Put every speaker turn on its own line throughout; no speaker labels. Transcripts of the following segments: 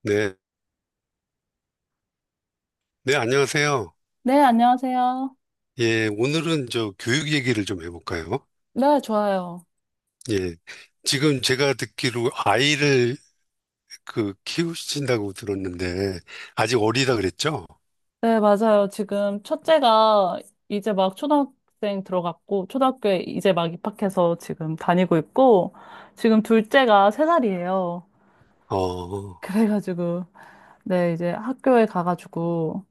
네, 네, 안녕하세요.
네, 안녕하세요.
예, 오늘은 저 교육 얘기를 좀 해볼까요?
네, 좋아요.
예, 지금 제가 듣기로 아이를 그 키우신다고 들었는데, 아직 어리다 그랬죠?
네, 맞아요. 지금 첫째가 이제 막 초등학생 들어갔고, 초등학교에 이제 막 입학해서 지금 다니고 있고, 지금 둘째가 세살이에요.
어,
그래가지고, 네, 이제 학교에 가가지고,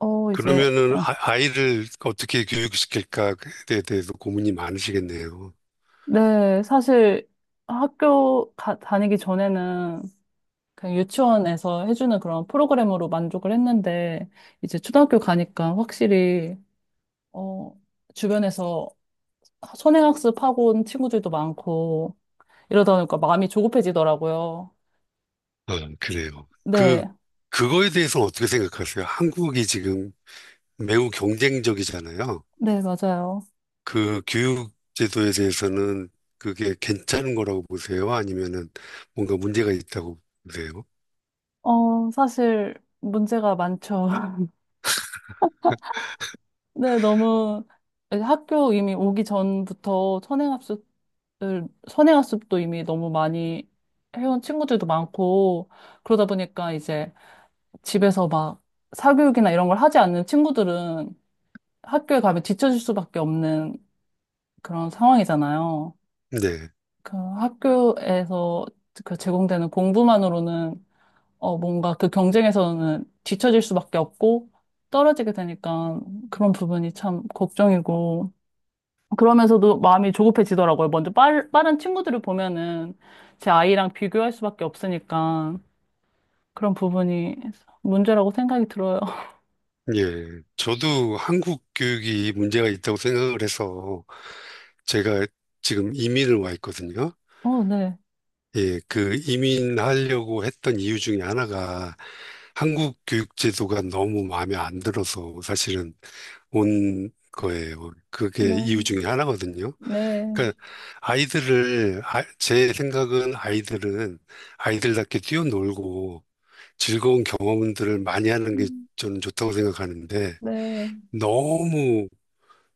어, 이제,
그러면은
어,
아이를 어떻게 교육시킬까에 대해서 고민이 많으시겠네요.
네, 사실 학교 다니기 전에는 그냥 유치원에서 해주는 그런 프로그램으로 만족을 했는데, 이제 초등학교 가니까 확실히, 어, 주변에서 선행학습하고 온 친구들도 많고 이러다 보니까 마음이 조급해지더라고요.
아, 그래요. 그,
네,
그거에 대해서는 어떻게 생각하세요? 한국이 지금 매우 경쟁적이잖아요.
네, 맞아요.
그 교육 제도에 대해서는 그게 괜찮은 거라고 보세요? 아니면은 뭔가 문제가 있다고 보세요?
사실 문제가 많죠. 네, 너무 학교 이미 오기 전부터 선행학습도 이미 너무 많이 해온 친구들도 많고 그러다 보니까 이제 집에서 막 사교육이나 이런 걸 하지 않는 친구들은 학교에 가면 뒤처질 수밖에 없는 그런 상황이잖아요.
네.
그 학교에서 그 제공되는 공부만으로는 뭔가 그 경쟁에서는 뒤처질 수밖에 없고 떨어지게 되니까 그런 부분이 참 걱정이고 그러면서도 마음이 조급해지더라고요. 먼저 빠른 친구들을 보면은 제 아이랑 비교할 수밖에 없으니까 그런 부분이 문제라고 생각이 들어요.
예. 저도 한국 교육이 문제가 있다고 생각을 해서 제가 지금 이민을 와 있거든요.
네.
예. 그 이민하려고 했던 이유 중에 하나가 한국 교육 제도가 너무 마음에 안 들어서 사실은 온 거예요. 그게 이유
네.
중에 하나거든요.
네.
그러니까 아이들을 제 생각은 아이들은 아이들답게 뛰어놀고 즐거운 경험들을 많이 하는 게
음,
저는 좋다고 생각하는데
네.
너무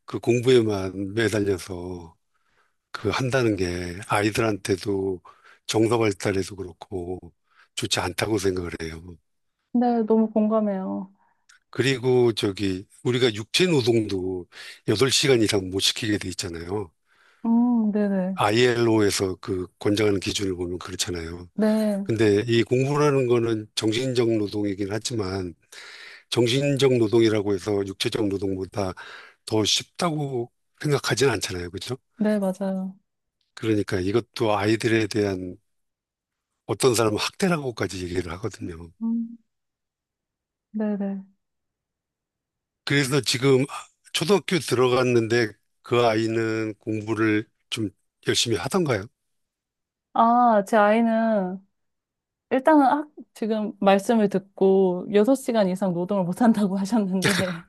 그 공부에만 매달려서 그 한다는 게 아이들한테도 정서 발달에도 그렇고 좋지 않다고 생각을 해요.
네, 너무 공감해요.
그리고 저기 우리가 육체 노동도 8시간 이상 못 시키게 돼 있잖아요.
네네.
ILO에서 그 권장하는 기준을 보면 그렇잖아요.
네.
근데 이 공부라는 거는 정신적 노동이긴 하지만 정신적 노동이라고 해서 육체적 노동보다 더 쉽다고 생각하진 않잖아요. 그죠?
네, 맞아요.
그러니까 이것도 아이들에 대한 어떤 사람은 학대라고까지 얘기를 하거든요.
음. 네네.
그래서 지금 초등학교 들어갔는데 그 아이는 공부를 좀 열심히 하던가요?
아, 제 아이는 일단은 지금 말씀을 듣고 6시간 이상 노동을 못한다고 하셨는데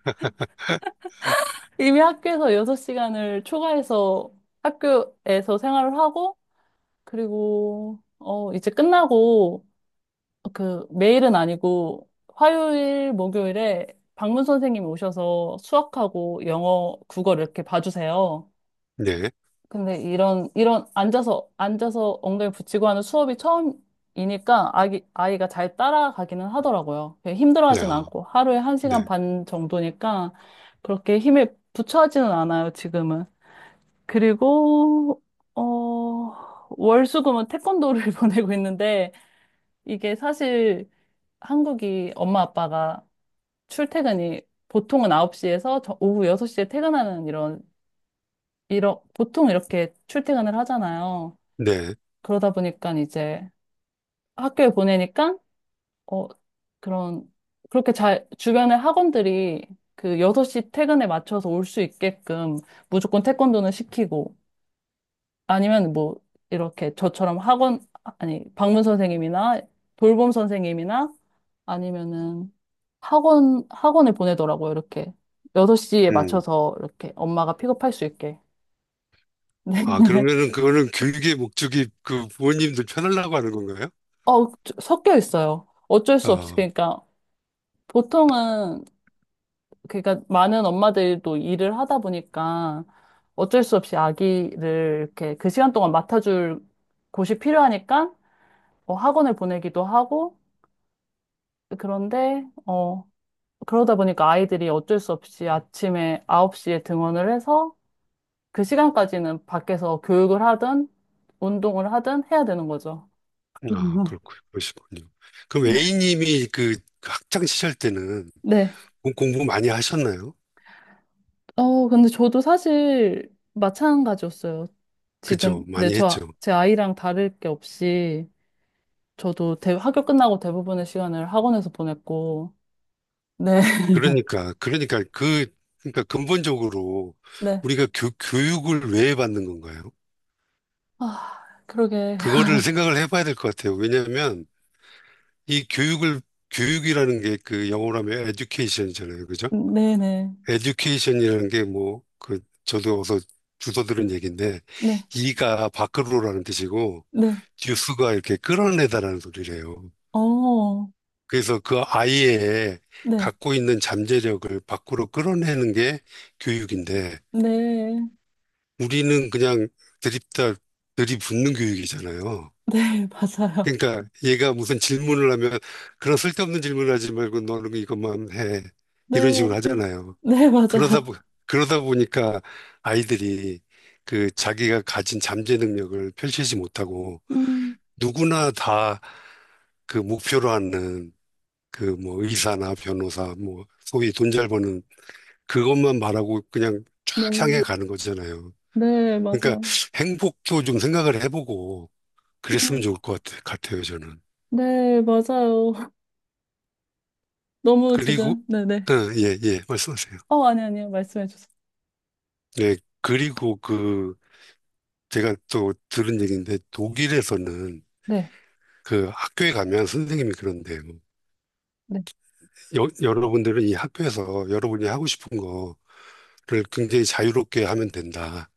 이미 학교에서 6시간을 초과해서 학교에서 생활을 하고 그리고 이제 끝나고 그 매일은 아니고 화요일, 목요일에 방문 선생님이 오셔서 수학하고 영어, 국어를 이렇게 봐주세요.
네.
근데 이런 앉아서 엉덩이 붙이고 하는 수업이 처음이니까 아이가 잘 따라가기는 하더라고요. 그
네.
힘들어하진
아,
않고 하루에 한
네.
시간 반 정도니까 그렇게 힘에 부처하지는 않아요, 지금은. 그리고, 어, 월수금은 태권도를 보내고 있는데 이게 사실 한국이 엄마 아빠가 출퇴근이 보통은 9시에서 오후 6시에 퇴근하는 이런, 보통 이렇게 출퇴근을 하잖아요.
네.
그러다 보니까 이제 학교에 보내니까, 어, 그런, 그렇게 잘, 주변에 학원들이 그 6시 퇴근에 맞춰서 올 수 있게끔 무조건 태권도는 시키고, 아니면 뭐, 이렇게 저처럼 학원, 아니, 방문 선생님이나 돌봄 선생님이나 아니면은 학원에 보내더라고요, 이렇게. 여섯 시에
음.
맞춰서 이렇게 엄마가 픽업할 수 있게.
아,
네.
그러면은 그거는 교육의 목적이 그 부모님들 편하려고 하는 건가요?
섞여 있어요. 어쩔 수 없이.
아.
그러니까 보통은 그러니까 많은 엄마들도 일을 하다 보니까 어쩔 수 없이 아기를 이렇게 그 시간 동안 맡아줄 곳이 필요하니까 뭐 학원을 보내기도 하고 그런데 그러다 보니까 아이들이 어쩔 수 없이 아침에 9시에 등원을 해서 그 시간까지는 밖에서 교육을 하든 운동을 하든 해야 되는 거죠.
아, 그렇고, 그러시군요. 그럼
네.
A님이 그 학창 시절 때는
네.
공부 많이 하셨나요?
근데 저도 사실 마찬가지였어요. 지금,
그죠?
네,
많이
저,
했죠.
제 아이랑 다를 게 없이 저도 학교 끝나고 대부분의 시간을 학원에서 보냈고, 네,
그러니까, 그러니까 그, 그러니까 근본적으로
네.
우리가 교육을 왜 받는 건가요?
아, 그러게.
그거를 생각을 해봐야 될 것 같아요. 왜냐하면 이 교육을, 교육이라는 게 그 영어로 하면 education이잖아요. 그죠?
네네.
에듀케이션이라는 게 뭐, 그, 저도 어서 주워 들은 얘기인데,
네,
이가 밖으로라는 뜻이고,
네.
듀스가 이렇게 끌어내다라는 소리래요.
어,
그래서 그 아이의
네,
갖고 있는 잠재력을 밖으로 끌어내는 게 교육인데,
네.
우리는 그냥 들이다, 들이붓는 교육이잖아요.
네, 맞아요.
그러니까 얘가 무슨 질문을 하면, 그런 쓸데없는 질문을 하지 말고 너는 이것만 해. 이런
네,
식으로 하잖아요.
네,
그러다,
맞아요.
보- 그러다 보니까 아이들이 그 자기가 가진 잠재 능력을 펼치지 못하고
음,
누구나 다 그 목표로 하는 그 뭐 의사나 변호사 뭐 소위 돈 잘 버는 그것만 말하고 그냥 쫙 향해
네,
가는 거잖아요.
네,
그러니까
맞아요.
행복도 좀 생각을 해보고 그랬으면
음,
좋을 것 같아요, 저는.
네, 맞아요. 너무
그리고,
지금, 네네.
예, 예, 말씀하세요.
아니, 아니요. 말씀해 주세요.
예, 그리고 그 제가 또 들은 얘기인데 독일에서는
네,
그 학교에 가면 선생님이 그런데 뭐
네,
여러분들은 이 학교에서 여러분이 하고 싶은 거를 굉장히 자유롭게 하면 된다.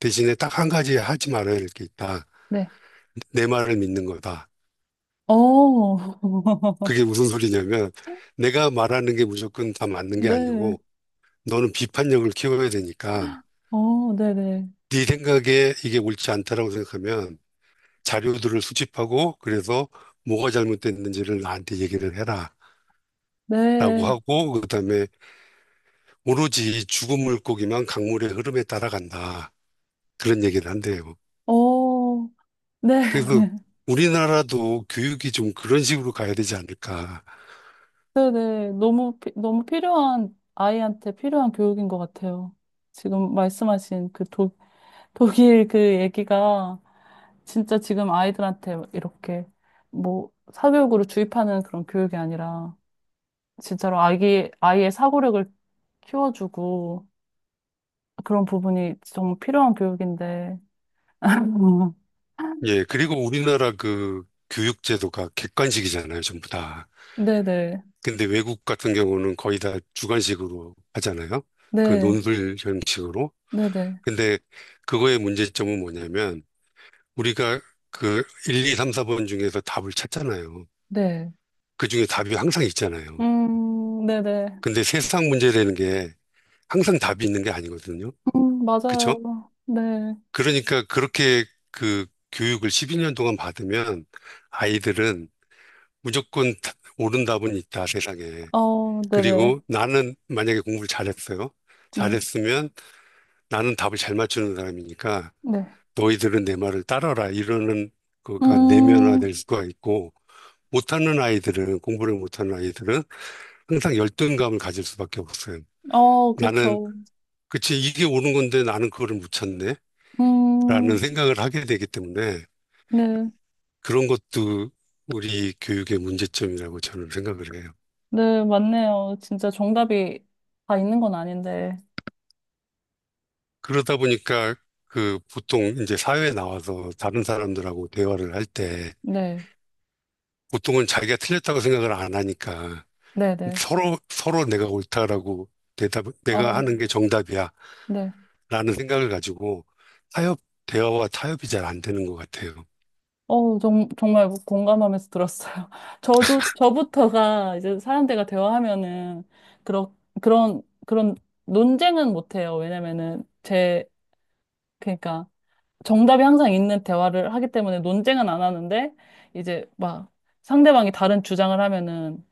대신에 딱 한 가지 하지 말아야 할 게 있다.
네.
내 말을 믿는 거다.
어,
그게 무슨 소리냐면 내가 말하는 게 무조건 다 맞는 게
네,
아니고 너는 비판력을 키워야 되니까
네네.
네 생각에 이게 옳지 않다라고 생각하면 자료들을 수집하고 그래서 뭐가 잘못됐는지를 나한테 얘기를 해라. 라고
네, 네.
하고 그다음에 오로지 죽은 물고기만 강물의 흐름에 따라간다. 그런 얘기를 한대요.
어, 네.
그래서 우리나라도 교육이 좀 그런 식으로 가야 되지 않을까.
네네. 너무, 너무 필요한, 아이한테 필요한 교육인 것 같아요. 지금 말씀하신 그 독일 그 얘기가 진짜 지금 아이들한테 이렇게 뭐 사교육으로 주입하는 그런 교육이 아니라 진짜로 아이의 사고력을 키워주고 그런 부분이 정말 필요한 교육인데.
예, 그리고 우리나라 그 교육제도가 객관식이잖아요, 전부 다.
네네.
근데 외국 같은 경우는 거의 다 주관식으로 하잖아요. 그
네.
논술 형식으로.
네네.
근데 그거의 문제점은 뭐냐면 우리가 그 1, 2, 3, 4번 중에서 답을 찾잖아요.
네.
그 중에 답이 항상 있잖아요.
네네.
근데 세상 문제라는 게 항상 답이 있는 게 아니거든요. 그쵸?
맞아요. 네.
그러니까 그렇게 그 교육을 12년 동안 받으면 아이들은 무조건 옳은 답은 있다, 세상에.
네네.
그리고 나는 만약에 공부를 잘했어요.
네,
잘했으면 나는 답을 잘 맞추는 사람이니까
네.
너희들은 내 말을 따라라. 이러는
음,
거가 내면화될 수가 있고 공부를 못하는 아이들은 항상 열등감을 가질 수밖에 없어요. 나는,
그쵸.
그치, 이게 옳은 건데 나는 그거를 못 찾네. 라는
음,
생각을 하게 되기 때문에
네.
그런 것도 우리 교육의 문제점이라고 저는 생각을 해요.
네, 맞네요. 진짜 정답이 다 있는 건 아닌데.
그러다 보니까 그 보통 이제 사회에 나와서 다른 사람들하고 대화를 할 때
네,
보통은 자기가 틀렸다고 생각을 안 하니까
네네.
서로 내가 옳다라고 내가
어,
하는 게 정답이야
네.
라는 생각을 가지고 타협, 대화와 타협이 잘 안 되는 것 같아요.
정말 공감하면서 들었어요. 저도, 저부터가 이제 사람들과 대화하면은, 그런, 그런 논쟁은 못해요. 왜냐면은, 제, 그러니까, 정답이 항상 있는 대화를 하기 때문에 논쟁은 안 하는데 이제 막 상대방이 다른 주장을 하면은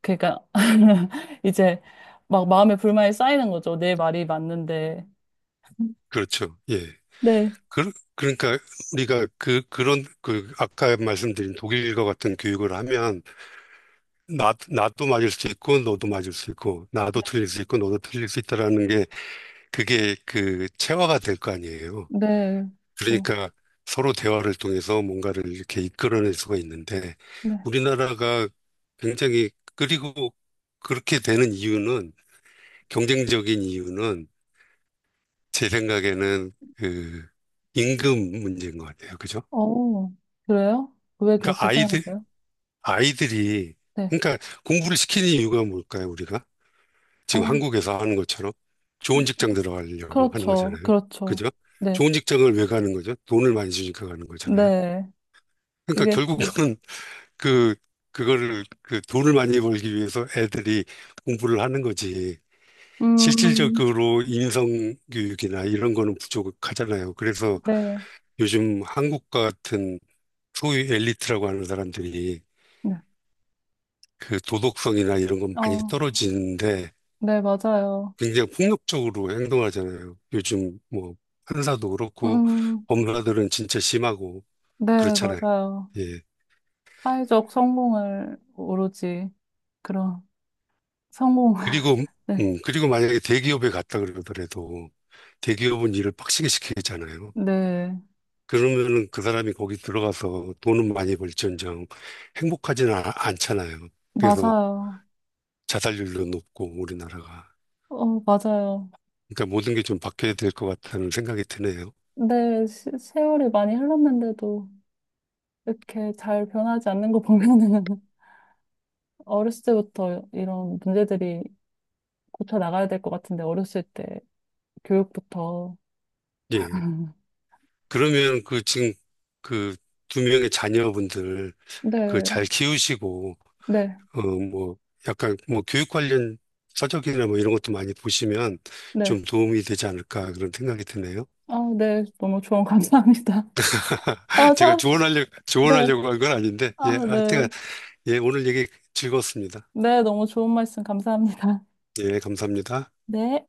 그러니까 이제 막 마음에 불만이 쌓이는 거죠. 내 말이 맞는데.
그렇죠. 예.
네,
그러니까 우리가 아까 말씀드린 독일과 같은 교육을 하면 나도 맞을 수 있고, 너도 맞을 수 있고, 나도 틀릴 수 있고, 너도 틀릴 수 있다라는 게, 그게 그 체화가 될 거 아니에요.
네, 그렇죠.
그러니까 서로 대화를 통해서 뭔가를 이렇게 이끌어낼 수가 있는데,
네.
우리나라가 굉장히, 그리고 그렇게 되는 이유는, 경쟁적인 이유는, 제 생각에는 그 임금 문제인 것 같아요. 그죠?
어, 그래요? 왜
그러니까
그렇게 생각하세요?
아이들이,
네.
그러니까 공부를 시키는 이유가 뭘까요, 우리가? 지금
어,
한국에서 하는 것처럼 좋은 직장 들어가려고 하는
그렇죠.
거잖아요.
그렇죠.
그죠?
네.
좋은 직장을 왜 가는 거죠? 돈을 많이 주니까 가는 거잖아요.
네.
그러니까
그게
결국은 그, 그 돈을 많이 벌기 위해서 애들이 공부를 하는 거지.
음,
실질적으로 인성교육이나 이런 거는 부족하잖아요. 그래서
네.
요즘 한국 같은 소위 엘리트라고 하는 사람들이
네.
그 도덕성이나 이런 건 많이
어,
떨어지는데
네, 맞아요.
굉장히 폭력적으로 행동하잖아요. 요즘 뭐 판사도 그렇고
음,
법무사들은 진짜 심하고
네,
그렇잖아요.
맞아요.
예.
사회적 성공을 오로지 그런 성공.
그리고
네,
그리고 만약에 대기업에 갔다 그러더라도 대기업은 일을 빡시게 시키잖아요.
네,
그러면은 그 사람이 거기 들어가서 돈은 많이 벌지언정 행복하지는 않잖아요. 그래서
맞아요.
자살률도 높고 우리나라가.
맞아요.
그러니까 모든 게 좀 바뀌어야 될 것 같다는 생각이 드네요.
네, 세월이 많이 흘렀는데도 이렇게 잘 변하지 않는 거 보면은 어렸을 때부터 이런 문제들이 고쳐 나가야 될 것 같은데 어렸을 때 교육부터.
예. 그러면 그 지금 그 두 명의 자녀분들 그
네,
잘 키우시고
네,
뭐 약간 뭐 교육 관련 서적이나 뭐 이런 것도 많이 보시면
네.
좀 도움이 되지 않을까 그런 생각이 드네요.
아, 네, 너무 조언 감사합니다. 아,
제가
참,
조언하려고
네,
조언하려고 한 건 아닌데 예
아,
하여튼
네,
예 오늘 얘기 즐거웠습니다.
네, 너무 좋은 말씀 감사합니다.
예 감사합니다.
네.